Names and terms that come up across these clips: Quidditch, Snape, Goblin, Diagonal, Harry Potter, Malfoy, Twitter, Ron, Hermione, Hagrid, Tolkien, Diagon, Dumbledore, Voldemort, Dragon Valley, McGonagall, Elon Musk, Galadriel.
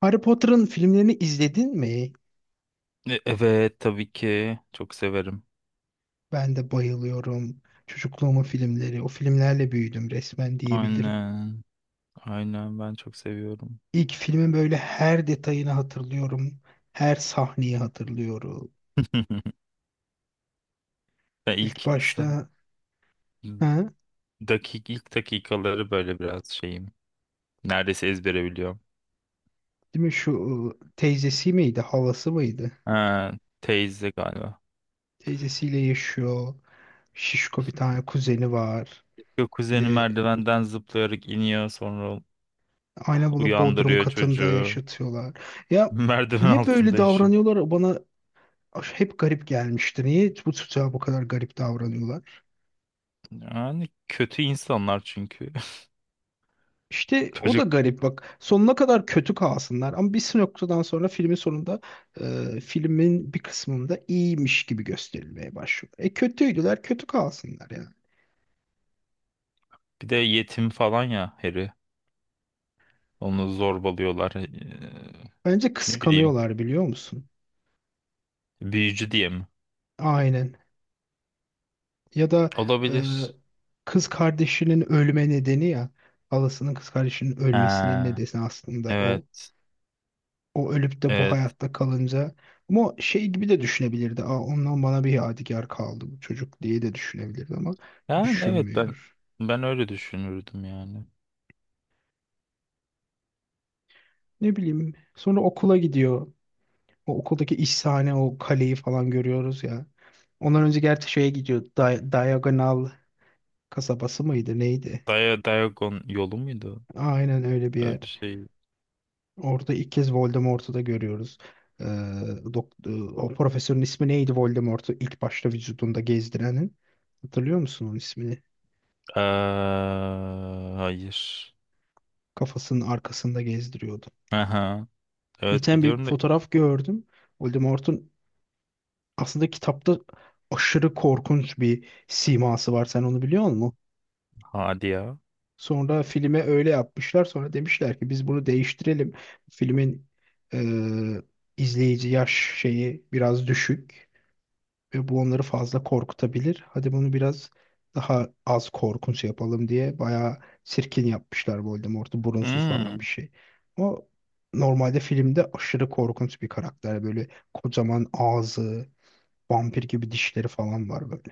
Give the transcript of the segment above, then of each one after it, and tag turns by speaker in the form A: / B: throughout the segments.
A: Harry Potter'ın filmlerini izledin mi?
B: Evet tabii ki çok severim.
A: Ben de bayılıyorum. Çocukluğumun filmleri. O filmlerle büyüdüm resmen diyebilirim.
B: Aynen. Aynen ben çok seviyorum.
A: İlk filmin böyle her detayını hatırlıyorum. Her sahneyi hatırlıyorum.
B: Ben
A: İlk
B: ilk sa-
A: başta ha,
B: Dakik ilk dakikaları böyle biraz şeyim. Neredeyse ezbere biliyorum.
A: değil mi şu teyzesi miydi? Halası mıydı?
B: Ha, teyze galiba.
A: Teyzesiyle yaşıyor. Şişko bir tane kuzeni var.
B: Yok,
A: Bir
B: kuzeni
A: de
B: merdivenden zıplayarak iniyor, sonra
A: aynen bunu Bodrum
B: uyandırıyor
A: katında
B: çocuğu.
A: yaşatıyorlar. Ya
B: Merdiven
A: niye böyle
B: altında yaşıyor.
A: davranıyorlar? Bana hep garip gelmişti. Niye bu çocuğa bu kadar garip davranıyorlar?
B: Yani kötü insanlar çünkü.
A: İşte o da
B: Çocuk
A: garip bak. Sonuna kadar kötü kalsınlar ama bir noktadan sonra filmin sonunda filmin bir kısmında iyiymiş gibi gösterilmeye başlıyor. E kötüydüler, kötü kalsınlar yani.
B: bir de yetim falan ya Harry. Onu zorbalıyorlar.
A: Bence
B: Ne bileyim.
A: kıskanıyorlar biliyor musun?
B: Büyücü diye mi?
A: Aynen. Ya da e,
B: Olabilir.
A: kız kardeşinin ölme nedeni ya halasının kız kardeşinin ölmesinin
B: Ha,
A: nedeni aslında o.
B: evet.
A: O ölüp de bu
B: Evet.
A: hayatta kalınca ama o şey gibi de düşünebilirdi. Aa, ondan bana bir yadigar kaldı bu çocuk diye de düşünebilirdi ama
B: Yani evet, ben
A: düşünmüyor.
B: ben öyle düşünürdüm yani.
A: Ne bileyim. Sonra okula gidiyor. O okuldaki iş sahne, o kaleyi falan görüyoruz ya. Ondan önce gerçi şeye gidiyor. Diagonal kasabası mıydı neydi?
B: Dia Diagon yolu muydu?
A: Aynen öyle bir
B: Öyle bir
A: yer.
B: şey.
A: Orada ilk kez Voldemort'u da görüyoruz. Ee, dok- e, O profesörün ismi neydi Voldemort'u ilk başta vücudunda gezdirenin? Hatırlıyor musun onun ismini?
B: Aa, hayır.
A: Kafasının arkasında gezdiriyordu.
B: Aha. Evet,
A: Geçen bir
B: biliyorum da.
A: fotoğraf gördüm. Voldemort'un aslında kitapta aşırı korkunç bir siması var. Sen onu biliyor musun?
B: Hadi ya.
A: Sonra filme öyle yapmışlar. Sonra demişler ki biz bunu değiştirelim. Filmin e, izleyici yaş şeyi biraz düşük. Ve bu onları fazla korkutabilir. Hadi bunu biraz daha az korkunç yapalım diye bayağı sirkin yapmışlar Voldemort'u burunsuz falan
B: Hmm.
A: bir şey. O normalde filmde aşırı korkunç bir karakter. Böyle kocaman ağzı, vampir gibi dişleri falan var böyle.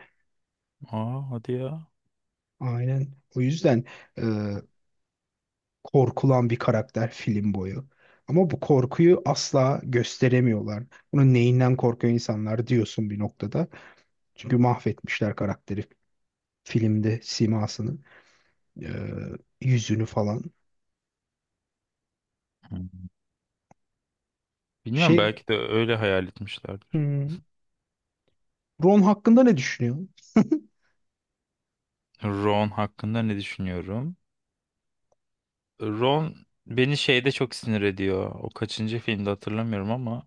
B: Aa, hadi ya.
A: Aynen. O yüzden e, korkulan bir karakter film boyu. Ama bu korkuyu asla gösteremiyorlar. Bunun neyinden korkuyor insanlar diyorsun bir noktada. Çünkü mahvetmişler karakteri filmde simasını. Ee, Yüzünü falan.
B: Hmm. Bilmiyorum,
A: Şey
B: belki de öyle hayal etmişlerdir.
A: hmm, Ron hakkında ne düşünüyorsun?
B: Ron hakkında ne düşünüyorum? Ron beni şeyde çok sinir ediyor. O kaçıncı filmde hatırlamıyorum ama.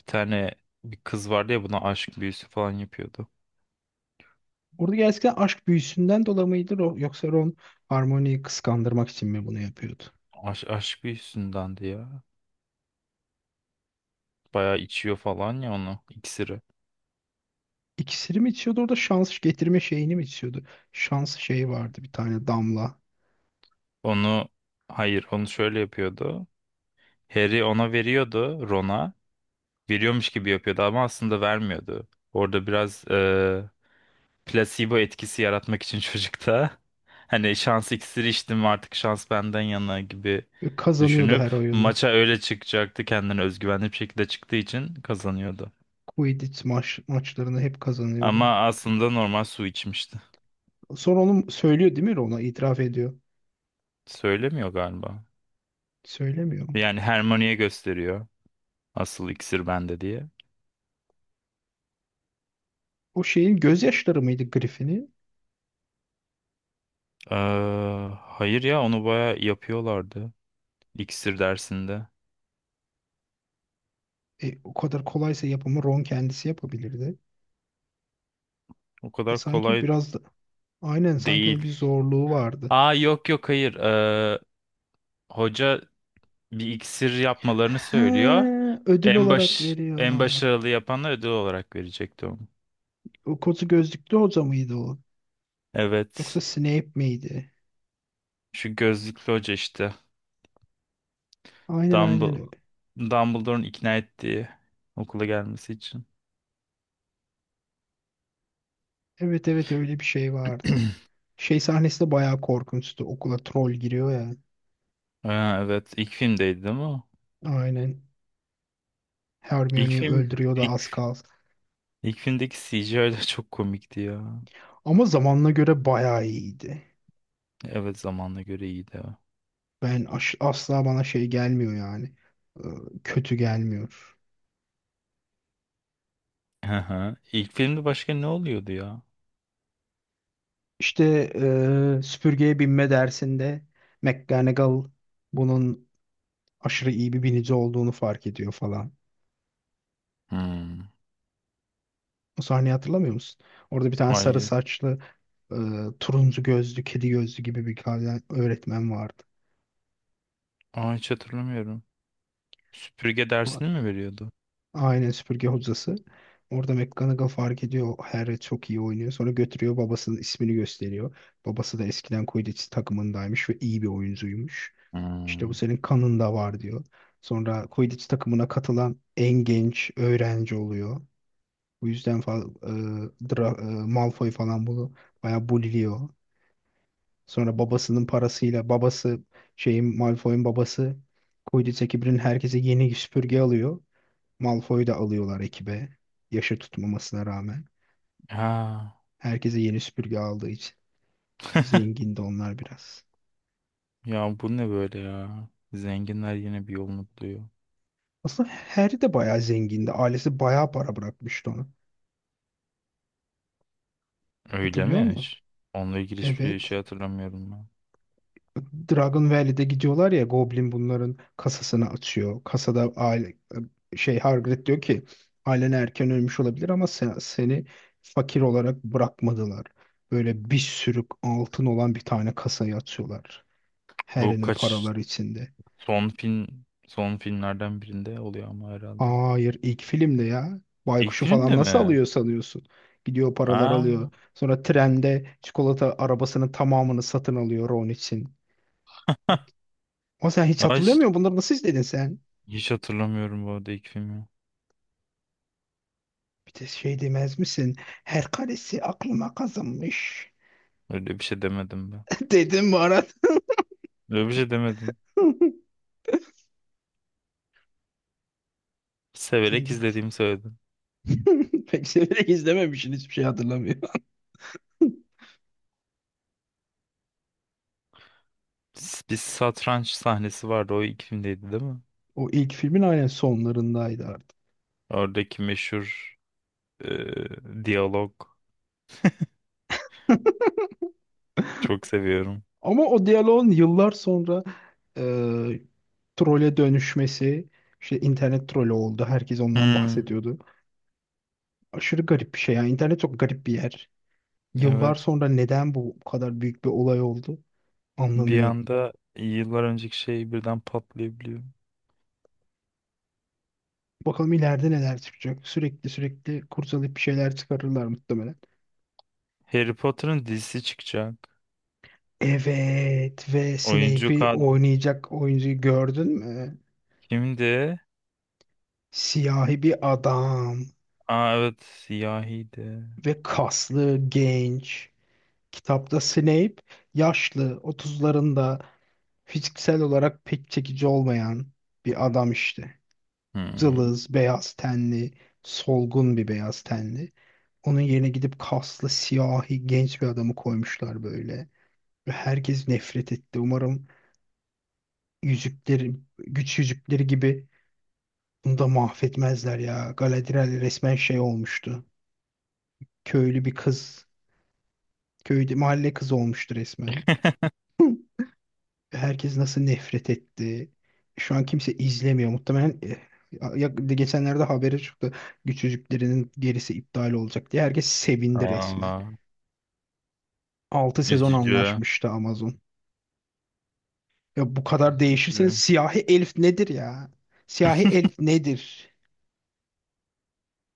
B: Bir tane bir kız vardı ya, buna aşk büyüsü falan yapıyordu.
A: Orada gerçekten aşk büyüsünden dolayı mıydı yoksa Ron Harmony'yi kıskandırmak için mi bunu yapıyordu?
B: Aşk büyüsündendi ya. Bayağı içiyor falan ya onu, iksiri.
A: İkisini mi içiyordu orada şans getirme şeyini mi içiyordu? Şans şeyi vardı bir tane damla.
B: Onu, hayır, onu şöyle yapıyordu. Harry ona veriyordu, Ron'a. Veriyormuş gibi yapıyordu ama aslında vermiyordu. Orada biraz plasebo etkisi yaratmak için çocukta. Hani şans iksiri içtim, artık şans benden yana gibi
A: Ve kazanıyordu
B: düşünüp
A: her oyunu.
B: maça öyle çıkacaktı, kendine özgüvenli bir şekilde çıktığı için kazanıyordu.
A: Quidditch maçlarını hep kazanıyordu.
B: Ama aslında normal su içmişti.
A: Sonra onu söylüyor değil mi Ron'a? İtiraf ediyor.
B: Söylemiyor galiba.
A: Söylemiyor.
B: Yani Hermione'ye gösteriyor. Asıl iksir bende diye.
A: O şeyin gözyaşları mıydı Griffin'i?
B: Ee, hayır ya, onu baya yapıyorlardı. İksir dersinde.
A: E, o kadar kolaysa yapımı Ron kendisi yapabilirdi.
B: O kadar
A: Sanki
B: kolay
A: biraz da aynen sanki
B: değil.
A: onun bir zorluğu vardı.
B: Aa yok yok, hayır. Hoca bir iksir yapmalarını
A: He,
B: söylüyor.
A: ödül olarak
B: En
A: veriyor.
B: başarılı yapanlar ödül olarak verecekti onu.
A: O kozu gözlüklü hoca mıydı o? Yoksa
B: Evet.
A: Snape miydi?
B: Şu gözlüklü hoca işte.
A: Aynen
B: Dumbledore,
A: öyle.
B: Dumbledore'un ikna ettiği, okula gelmesi için.
A: Evet evet öyle bir şey vardı. Şey sahnesi de bayağı korkunçtu. Okula troll giriyor ya.
B: Ha, evet, ilk filmdeydi değil mi o?
A: Aynen.
B: İlk
A: Hermione'yi
B: film
A: öldürüyor da az
B: ilk,
A: kalsın.
B: ilk filmdeki CGI de çok komikti ya.
A: Ama zamanına göre bayağı iyiydi.
B: Evet, zamanla göre iyiydi o.
A: Ben asla bana şey gelmiyor yani. Ee, Kötü gelmiyor.
B: Hı hı. İlk filmde başka ne oluyordu ya?
A: İşte süpürgeye binme dersinde McGonagall bunun aşırı iyi bir binici olduğunu fark ediyor falan.
B: Hmm.
A: O sahneyi hatırlamıyor musun? Orada bir tane sarı
B: Hayır.
A: saçlı, eee, turuncu gözlü, kedi gözlü gibi bir tane öğretmen vardı.
B: Aa, hiç hatırlamıyorum. Süpürge dersini mi veriyordu?
A: Aynen süpürge hocası. Orada McGonagall fark ediyor. Harry çok iyi oynuyor. Sonra götürüyor babasının ismini gösteriyor. Babası da eskiden Quidditch takımındaymış ve iyi bir oyuncuymuş. İşte bu
B: Hmm.
A: senin kanında var diyor. Sonra Quidditch takımına katılan en genç öğrenci oluyor. Bu yüzden Malfoy falan bunu bayağı bulliyor. Sonra babasının parasıyla babası şeyin Malfoy'un babası Quidditch ekibinin herkese yeni süpürge alıyor. Malfoy'u da alıyorlar ekibe. Yaşı tutmamasına rağmen.
B: Ha.
A: Herkese yeni süpürge aldığı için. Zengindi onlar biraz.
B: Ya bu ne böyle ya? Zenginler yine bir yolunu buluyor.
A: Aslında Harry de bayağı zengindi. Ailesi bayağı para bırakmıştı ona.
B: Öyle
A: Hatırlıyor
B: mi
A: musun?
B: hiç? Onunla ilgili hiçbir şey
A: Evet.
B: hatırlamıyorum ben.
A: Dragon Valley'de gidiyorlar ya Goblin bunların kasasını açıyor. Kasada aile şey Hagrid diyor ki ailen erken ölmüş olabilir ama seni fakir olarak bırakmadılar. Böyle bir sürü altın olan bir tane kasayı açıyorlar.
B: Bu
A: Harry'nin
B: kaç
A: paraları içinde.
B: Son film, son filmlerden birinde oluyor ama herhalde.
A: Hayır ilk filmde ya.
B: İlk
A: Baykuş'u falan
B: filmde
A: nasıl
B: mi?
A: alıyor sanıyorsun? Gidiyor paralar
B: Aa,
A: alıyor. Sonra trende çikolata arabasının tamamını satın alıyor Ron için. O sen hiç
B: ay,
A: hatırlıyor musun? Bunları nasıl izledin sen?
B: hiç hatırlamıyorum bu arada ilk filmi.
A: Bir de şey demez misin? Her karesi aklıma kazınmış.
B: Öyle bir şey demedim ben.
A: Dedim Barat.
B: Öyle bir şey demedim.
A: Sen
B: Severek
A: git.
B: izlediğimi söyledim.
A: Pek severek izlememişsin hiçbir şey hatırlamıyor.
B: Bir satranç sahnesi vardı. O ilk filmdeydi değil mi?
A: O ilk filmin aynen sonlarındaydı artık.
B: Oradaki meşhur diyalog. Çok seviyorum.
A: Ama o diyaloğun yıllar sonra trole dönüşmesi işte internet trolü oldu. Herkes ondan
B: Hmm,
A: bahsediyordu. Aşırı garip bir şey ya. İnternet çok garip bir yer. Yıllar
B: evet.
A: sonra neden bu kadar büyük bir olay oldu
B: Bir
A: anlamıyorum.
B: anda yıllar önceki şey birden patlayabiliyor.
A: Bakalım ileride neler çıkacak. Sürekli kurcalayıp bir şeyler çıkarırlar muhtemelen.
B: Harry Potter'ın dizisi çıkacak.
A: Evet ve
B: Oyuncu
A: Snape'i
B: kadro
A: oynayacak oyuncuyu gördün mü?
B: kimdi?
A: Siyahi bir adam
B: Aa, evet, siyahi de.
A: ve kaslı, genç. Kitapta Snape yaşlı, otuzlarında. Fiziksel olarak pek çekici olmayan bir adam işte.
B: Hmm.
A: Cılız, beyaz tenli, solgun bir beyaz tenli. Onun yerine gidip kaslı, siyahi, genç bir adamı koymuşlar böyle. Ve herkes nefret etti. Umarım yüzükleri, güç yüzükleri gibi bunu da mahvetmezler ya. Galadriel resmen şey olmuştu. Köylü bir kız, köyde mahalle kızı olmuştu resmen. Herkes nasıl nefret etti. Şu an kimse izlemiyor. Muhtemelen ya, geçenlerde haberi çıktı. Güç Yüzüklerinin gerisi iptal olacak diye. Herkes sevindi resmen.
B: Aa,
A: 6 sezon
B: üzücü.
A: anlaşmıştı Amazon. Ya bu kadar değişirseniz
B: Diyor.
A: siyahi elf nedir ya? Siyahi elf nedir?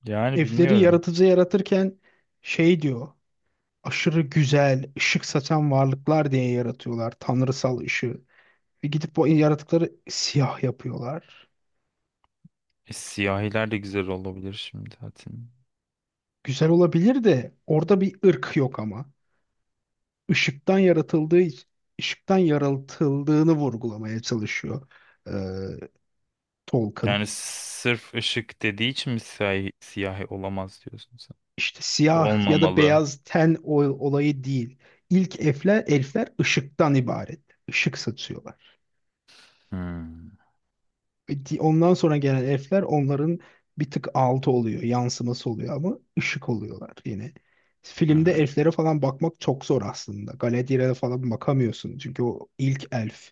B: Yani
A: Elfleri
B: bilmiyorum.
A: yaratıcı yaratırken şey diyor. Aşırı güzel, ışık saçan varlıklar diye yaratıyorlar. Tanrısal ışığı. Ve gidip bu yaratıkları siyah yapıyorlar.
B: E, siyahiler de güzel olabilir şimdi zaten.
A: Güzel olabilir de orada bir ırk yok ama. Işıktan yaratıldığı iç- ışıktan yaratıldığını vurgulamaya çalışıyor e, Tolkien.
B: Yani sırf ışık dediği için mi siyahi, siyahi olamaz diyorsun sen?
A: İşte siyah ya da
B: Olmamalı.
A: beyaz olayı değil. İlk elfler, elfler ışıktan ibaret. Işık satıyorlar.
B: Hmm,
A: Ve ondan sonra gelen elfler onların bir tık altı oluyor, yansıması oluyor ama ışık oluyorlar yine. Filmde
B: hmm,
A: elflere falan bakmak çok zor aslında. Galadriel'e falan bakamıyorsun çünkü o ilk elf.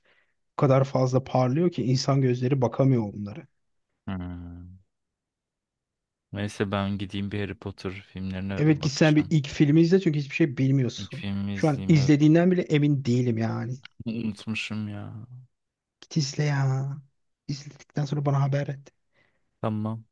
A: O kadar fazla parlıyor ki insan gözleri bakamıyor onlara.
B: hmm. Neyse ben gideyim, bir Harry Potter filmlerine
A: Evet git sen bir
B: bakacağım.
A: ilk filmi izle çünkü hiçbir şey
B: İlk
A: bilmiyorsun.
B: filmi
A: Şu an
B: izleyeyim, evet.
A: izlediğinden bile emin değilim yani.
B: Unutmuşum ya.
A: Git izle ya. İzledikten sonra bana haber et.
B: Tamam.